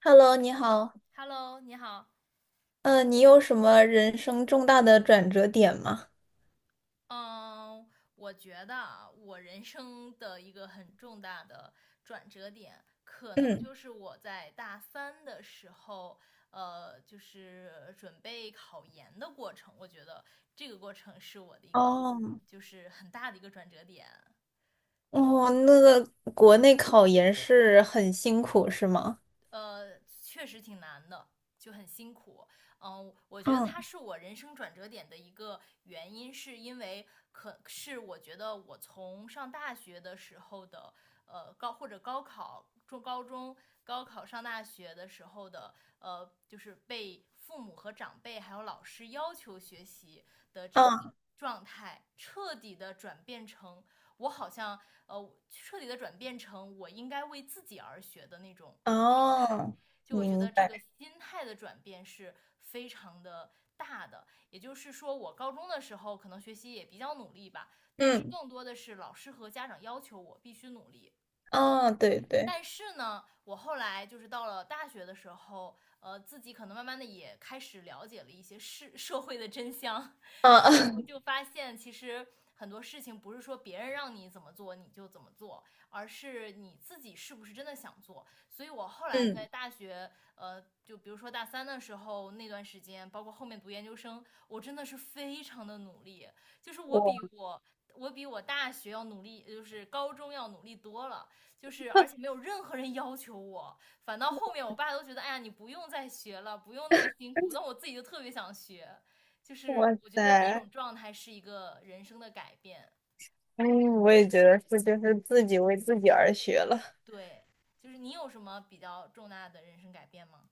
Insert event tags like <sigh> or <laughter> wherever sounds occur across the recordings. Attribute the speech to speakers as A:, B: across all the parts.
A: Hello，你好。
B: Hello，你好。
A: 嗯，你有什么人生重大的转折点吗？
B: 嗯，我觉得啊，我人生的一个很重大的转折点，可能
A: 嗯，
B: 就是我在大三的时候，就是准备考研的过程。我觉得这个过程是我的一个，
A: 哦，
B: 就是很大的一个转折点。
A: 哦，那个国内考研是很辛苦，是吗？
B: 确实挺难的，就很辛苦。我觉得
A: 嗯，
B: 它是我人生转折点的一个原因，是因为可是我觉得我从上大学的时候的高或者高考、中高中、高考上大学的时候的就是被父母和长辈还有老师要求学习的这个
A: 嗯
B: 状态，彻底的转变成我好像彻底的转变成我应该为自己而学的那种态。
A: 哦，
B: 就我觉
A: 明
B: 得这个
A: 白。
B: 心态的转变是非常的大的。也就是说，我高中的时候可能学习也比较努力吧，但是
A: 嗯，
B: 更多的是老师和家长要求我必须努力。
A: 哦，对对，
B: 但是呢，我后来就是到了大学的时候，自己可能慢慢的也开始了解了一些事，<laughs> 社会的真相，
A: 啊，
B: 然后就
A: <laughs>
B: 发现其实很多事情不是说别人让你怎么做你就怎么做，而是你自己是不是真的想做。所以我后来在
A: 嗯，
B: 大学，就比如说大三的时候那段时间，包括后面读研究生，我真的是非常的努力，就是我比
A: 我，
B: 我我比大学要努力，就是高中要努力多了。就是而且没有任何人要求我，反倒后面我爸都觉得，哎呀，你不用再学了，不用那么辛苦，但我自己就特别想学。就是
A: 哇
B: 我觉得那种
A: 塞，
B: 状态是一个人生的改变。
A: 嗯，我也觉得是，就是自己为自己而学了。
B: 对，就是你有什么比较重大的人生改变吗？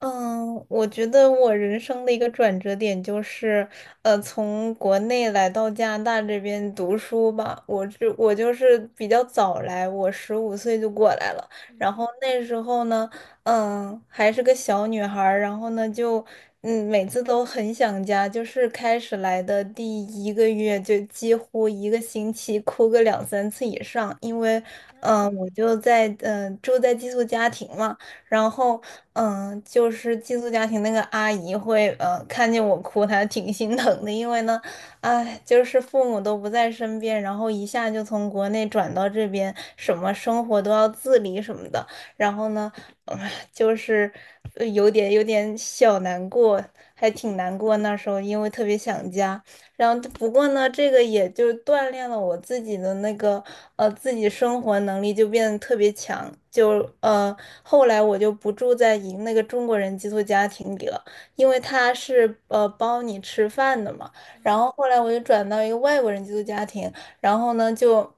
A: 嗯，我觉得我人生的一个转折点就是，从国内来到加拿大这边读书吧。我就是比较早来，我15岁就过来了。然
B: 嗯，
A: 后那时候呢，嗯，还是个小女孩儿。然后呢，就嗯，每次都很想家。就是开始来的第一个月，就几乎一个星期哭个两三次以上，因为，
B: 天
A: 嗯，
B: 呐。
A: 我就在住在寄宿家庭嘛。然后嗯，就是寄宿家庭那个阿姨会，看见我哭，她挺心疼的，因为呢，哎，就是父母都不在身边，然后一下就从国内转到这边，什么生活都要自理什么的，然后呢，就是有点小难过，还挺难过。那时候因为特别想家。然后不过呢，这个也就锻炼了我自己的那个自己生活能力，就变得特别强。就后来我就不住在一那个中国人寄宿家庭里了，因为他是包你吃饭的嘛。然
B: 嗯，
A: 后后来我就转到一个外国人寄宿家庭，然后呢就，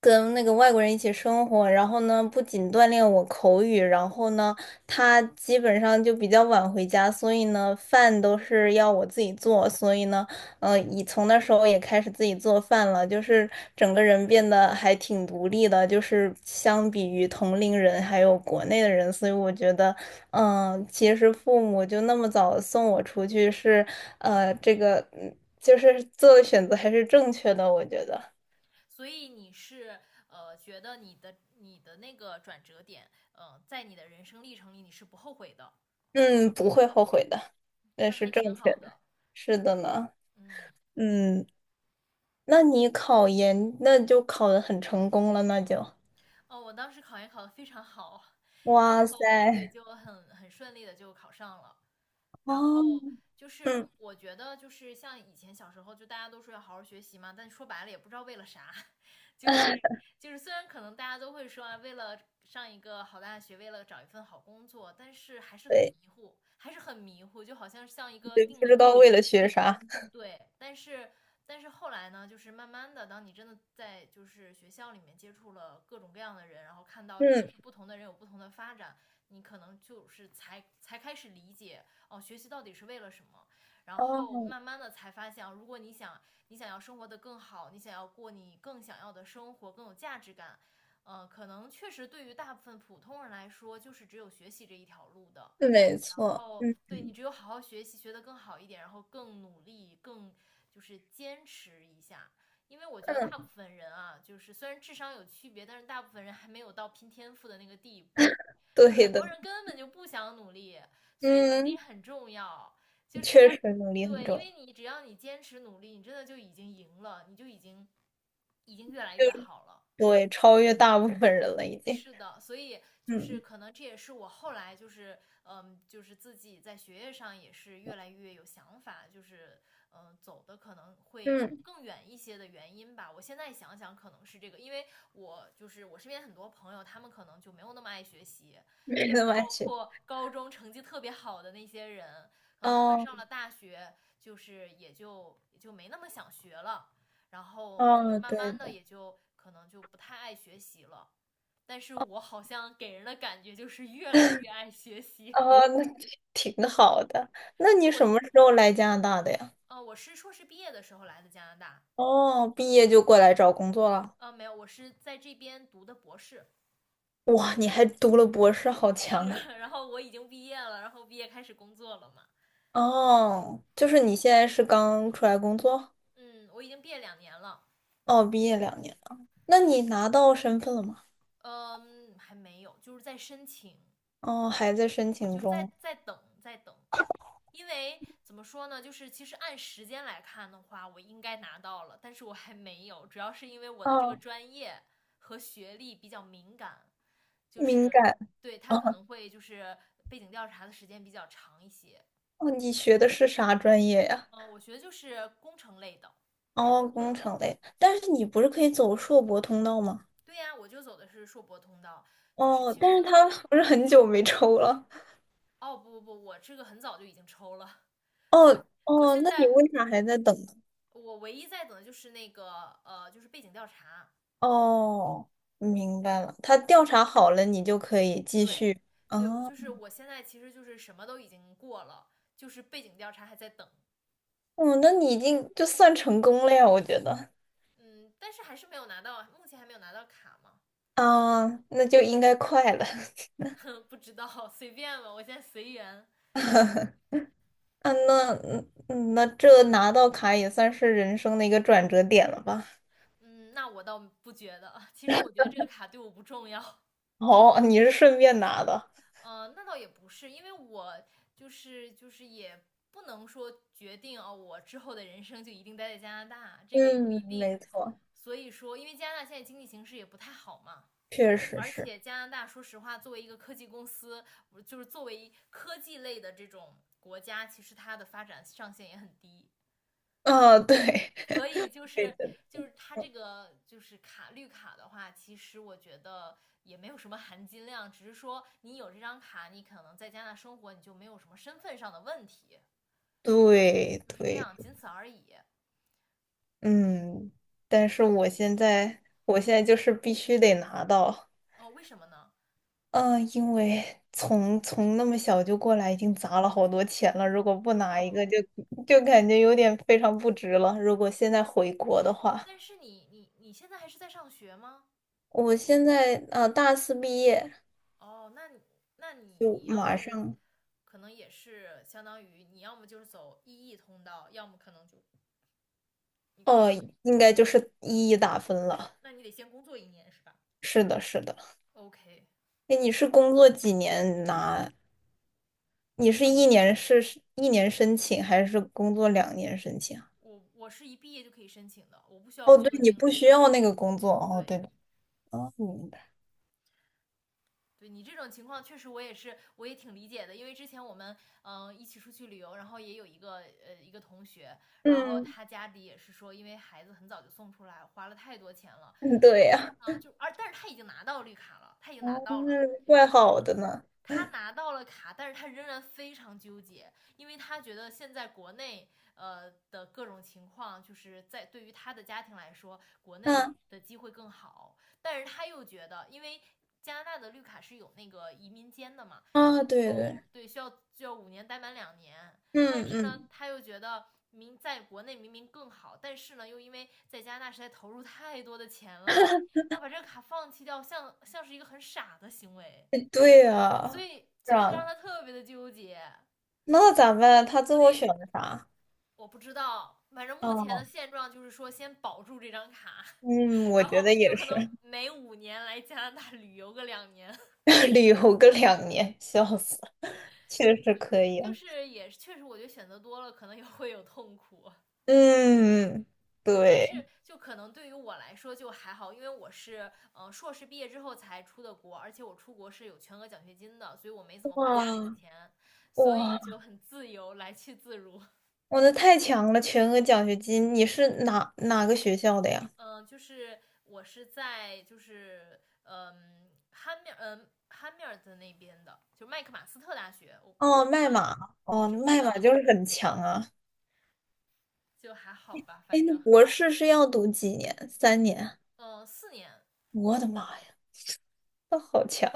A: 跟那个外国人一起生活，然后呢，不仅锻炼我口语，然后呢，他基本上就比较晚回家，所以呢，饭都是要我自己做，所以呢，嗯，以从那时候也开始自己做饭了，就是整个人变得还挺独立的，就是相比于同龄人还有国内的人，所以我觉得，其实父母就那么早送我出去是，这个就是做的选择还是正确的，我觉得，
B: 所以你是觉得你的那个转折点，在你的人生历程里你是不后悔的。
A: 嗯，不会后悔的，那
B: 那
A: 是
B: 还挺
A: 正确
B: 好
A: 的，
B: 的。
A: 是的呢，
B: 嗯。
A: 嗯，那你考研那就考得很成功了，那就，
B: 哦，我当时考研考得非常好，然
A: 哇
B: 后对，
A: 塞，
B: 就很顺利的就考上了。然
A: 哦，
B: 后就是
A: 嗯。
B: 我觉得就是像以前小时候，就大家都说要好好学习嘛，但说白了也不知道为了啥。<laughs> 就是
A: <laughs>
B: 就是虽然可能大家都会说啊，为了上一个好大学，为了找一份好工作，但是还是很
A: 对。
B: 迷糊，还是很迷糊，就好像像一个
A: 对，
B: 定
A: 不
B: 理
A: 知道
B: 公
A: 为
B: 式
A: 了
B: 一样。
A: 学啥。
B: 对。但是后来呢，就是慢慢的，当你真的在就是学校里面接触了各种各样的人，然后看到真的
A: 嗯，
B: 是不同的人有不同的发展，你可能就是才开始理解哦，学习到底是为了什么。然
A: 哦，
B: 后慢慢的才发现啊，如果你想要生活的更好，你想要过你更想要的生活，更有价值感，可能确实对于大部分普通人来说，就是只有学习这一条路的。
A: 是没
B: 然
A: 错，
B: 后
A: 嗯
B: 对，你只有好好学习，学得更好一点，然后更努力，更就是坚持一下。因为我觉得大部
A: 嗯，
B: 分人啊，就是虽然智商有区别，但是大部分人还没有到拼天赋的那个地步。就
A: 对
B: 很多
A: 的，
B: 人根本就不想努力，所以努力
A: 嗯，
B: 很重要。就
A: 确
B: 是
A: 实能力很
B: 对，
A: 重
B: 因
A: 要，
B: 为你只要你坚持努力，你真的就已经赢了，你就已经越来
A: 就
B: 越好了。
A: 对，超越大部分人了已经。
B: 是的。所以就是
A: 嗯
B: 可能这也是我后来就是就是自己在学业上也是越来越有想法，就是走的可能会
A: 嗯，
B: 更远一些的原因吧。我现在想想，可能是这个，因为我就是我身边很多朋友，他们可能就没有那么爱学习，
A: 没 <laughs>
B: 就
A: 得
B: 是
A: 关
B: 包
A: 学，
B: 括高中成绩特别好的那些人，可能他们
A: 哦
B: 上了大学，就是也就没那么想学了，然后就是
A: 哦，
B: 慢
A: 对
B: 慢的
A: 的，
B: 也就可能就不太爱学习了。但是我好像给人的感觉就是越来越爱学习。
A: 哦，那挺好的。那你
B: 我
A: 什么时候来加拿大的呀？
B: 我是硕士毕业的时候来的加拿大。
A: 哦，毕业就过来找工作了。
B: 没有，我是在这边读的博士。
A: 哇，你还读了博士，好
B: 是，
A: 强啊！
B: 然后我已经毕业了，然后毕业开始工作了嘛。
A: 哦，就是你现在是刚出来工作？
B: 嗯，我已经毕业两年了。
A: 哦，毕业两年。那你拿到身份了吗？
B: 嗯，还没有，就是在申请，
A: 哦，还在申请
B: 就在
A: 中。
B: 在等在等。因为怎么说呢，就是其实按时间来看的话，我应该拿到了，但是我还没有，主要是因为我的这个
A: 哦，
B: 专业和学历比较敏感，就
A: 敏
B: 是
A: 感。
B: 对他可
A: 哦，
B: 能会就是背景调查的时间比较长一些。
A: 哦你学的是啥专业呀？
B: 嗯、我学的就是工程类的。
A: 哦，工程类。但是你不是可以走硕博通道吗？
B: 对呀，我就走的是硕博通道。就是
A: 哦，
B: 其实
A: 但是
B: 就是。
A: 他不是很久没抽了。
B: 哦，不不不，我这个很早就已经抽了。
A: 哦
B: 我
A: 哦，
B: 现
A: 那你
B: 在
A: 为啥还在等呢？
B: 我唯一在等的就是那个就是背景调查。
A: 哦，明白了。他调查好了，你就可以继
B: 对。
A: 续。
B: 对，
A: 哦，
B: 就是我现在其实就是什么都已经过了，就是背景调查还在等。
A: 哦，那你已经就算成功了呀，我觉得。
B: 嗯，但是还是没有拿到，目前还没有拿到卡嘛。
A: 啊，那就应该快了。<laughs>
B: 嗯不知道，<laughs> 随便吧，我现在随缘。
A: 嗯，那这拿到卡也算是人生的一个转折点了吧？
B: 嗯，那我倒不觉得，其实我觉得这个卡对我不重要。嗯。
A: <laughs> 哦，你是顺便拿的。
B: 那倒也不是，因为我就是也不能说决定啊。哦，我之后的人生就一定待在加拿大，这个也不一
A: 嗯，
B: 定。
A: 没错，
B: 所以说，因为加拿大现在经济形势也不太好嘛。
A: 确实
B: 而
A: 是。
B: 且加拿大，说实话，作为一个科技公司，就是作为科技类的这种国家，其实它的发展上限也很低。
A: 啊，对，
B: 所以就
A: <laughs> 对
B: 是
A: 的，
B: 就是它这个就是卡绿卡的话，其实我觉得也没有什么含金量，只是说你有这张卡，你可能在加拿大生活，你就没有什么身份上的问题，
A: 对
B: 就是这
A: 对，
B: 样，仅此而已。
A: 嗯，但是我现在，我现在就是必须得拿到，
B: 哦，为什么呢？
A: 嗯、因为从那么小就过来，已经砸了好多钱了，如果不拿一
B: 哦，
A: 个就，就感觉有点非常不值了。如果现在回国的话，
B: 但是你你现在还是在上学吗？
A: 我现在大四毕业，
B: 哦，那你
A: 就
B: 要
A: 马
B: 是
A: 上
B: 可能也是相当于你，要么就是走 EE 通道，要么可能就你可
A: 哦，
B: 以。
A: 应该就是一一打分了。
B: 那你得先工作1年是吧
A: 是的，是的。
B: ？OK。
A: 哎，你是工作几年拿？你是一年是一年申请，还是工作两年申请啊？
B: 我是一毕业就可以申请的，我不需要
A: 哦，
B: 工
A: 对，
B: 作
A: 你
B: 经
A: 不
B: 历。
A: 需要那个工作。哦，
B: 对。
A: 对的。哦，明白。
B: 对你这种情况，确实我也是，我也挺理解的。因为之前我们一起出去旅游，然后也有一个同学，然后
A: 嗯，
B: 他家里也是说，因为孩子很早就送出来，花了太多钱了。
A: 嗯对呀。
B: 但是他已经拿到绿卡了，他已经拿
A: 哦，
B: 到了，
A: 那怪好的呢。
B: 他拿到了卡，但是他仍然非常纠结。因为他觉得现在国内的各种情况，就是在对于他的家庭来说，国内
A: 嗯
B: 的机会更好。但是他又觉得，因为加拿大的绿卡是有那个移民监的嘛，
A: 啊，
B: 然
A: 对对，
B: 后对，需要五年待满两年。但
A: 嗯
B: 是呢，
A: 嗯，
B: 他又觉得。明在国内明明更好，但是呢，又因为在加拿大实在投入太多的钱了，要把这个卡放弃掉，像是一个很傻的行为。
A: 哎对
B: 所
A: 呀，
B: 以
A: 是
B: 所以就
A: 啊，
B: 让他特别的纠结。
A: 那咋办？他最
B: 所
A: 后
B: 以
A: 选的啥？
B: 我不知道，反正目前的
A: 哦
B: 现状就是说先保住这张卡，
A: 嗯，我
B: 然
A: 觉
B: 后
A: 得
B: 有
A: 也
B: 可
A: 是，
B: 能每五年来加拿大旅游个两年。
A: <laughs> 旅游个2年，笑死了。确实可以
B: 就
A: 啊。
B: 是也确实我觉得选择多了可能也会有痛苦。
A: 嗯，
B: 就但
A: 对，
B: 是就可能对于我来说就还好，因为我是硕士毕业之后才出的国，而且我出国是有全额奖学金的，所以我没怎么花家里的
A: 哇，
B: 钱，所以
A: 哇，
B: 就很自由，来去自如。
A: 我的太强了，全额奖学金，你是哪个学校的呀？
B: 嗯、就是我是在就是汉密尔顿那边的，就麦克马斯特大学，我不
A: 哦，
B: 知
A: 麦
B: 道你
A: 马，
B: 你
A: 哦，
B: 知不知
A: 麦马
B: 道。
A: 就是很强啊。
B: 就还好吧，
A: 哎，
B: 反
A: 那
B: 正
A: 博士是要读几年？三年？
B: 嗯4年。
A: 我的妈呀，那好强！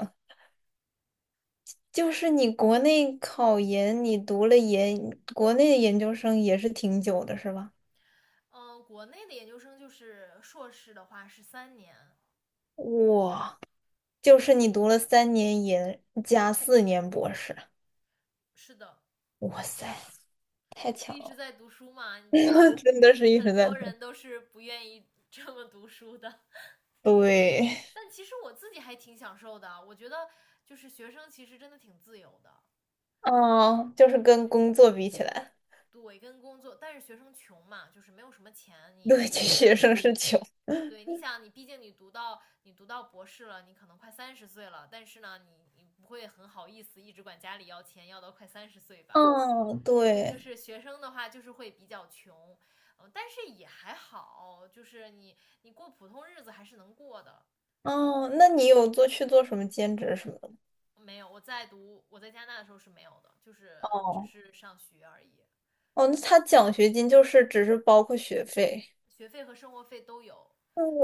A: 就是你国内考研，你读了研，国内的研究生也是挺久的，是吧？
B: 嗯国内的研究生就是硕士的话是3年。
A: 哇，就是你读了三年研加4年博士，
B: 是的，
A: 哇塞，太
B: 就
A: 强
B: 一直
A: 了！
B: 在读书嘛。你知道
A: <laughs>
B: 很多
A: 真的是一
B: 很
A: 直在
B: 多
A: 读。
B: 人都是不愿意这么读书的，
A: 对，
B: 但其实我自己还挺享受的。我觉得就是学生其实真的挺自由的。
A: 哦，就是跟工作比起来，
B: 对，跟工作，但是学生穷嘛，就是没有什么钱。你
A: 对，其实学生是
B: 你
A: 穷。
B: 对，你想你毕竟你读到博士了，你可能快三十岁了，但是呢，你不会很好意思一直管家里要钱，要到快三十岁吧。
A: 嗯，
B: 所以就
A: 对，
B: 是学生的话，就是会比较穷。嗯，但是也还好，就是你过普通日子还是能过的。
A: 哦，那你有做去做什么兼职什么的
B: 没有，我在加拿大的时候是没有的，就
A: 吗？
B: 是只
A: 哦，
B: 是上学而已。
A: 哦，那他奖学金就是只是包括学费，
B: 学费和生活费都有。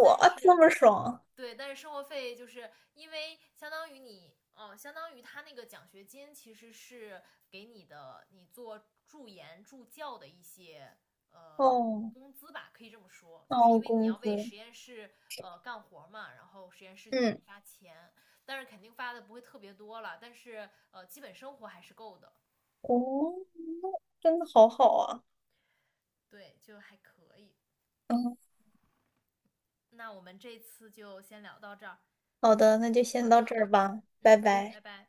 A: 哇，
B: 但
A: 这
B: 是
A: 么爽！
B: 对，但是生活费就是因为相当于你，相当于他那个奖学金其实是给你的，你做助研助教的一些呃
A: 哦，
B: 工资吧，可以这么说。就是
A: 哦，
B: 因为你
A: 工
B: 要为
A: 资，
B: 实验室干活嘛，然后实验室就给
A: 嗯，
B: 你发钱，但是肯定发的不会特别多了，但是基本生活还是够的。
A: 哦，真的好好啊。
B: 对，就还可以。
A: 嗯。
B: 那我们这次就先聊到这儿。
A: 好的，那就先
B: 好
A: 到这
B: 的。
A: 儿吧，拜
B: 嗯。
A: 拜。
B: 拜拜。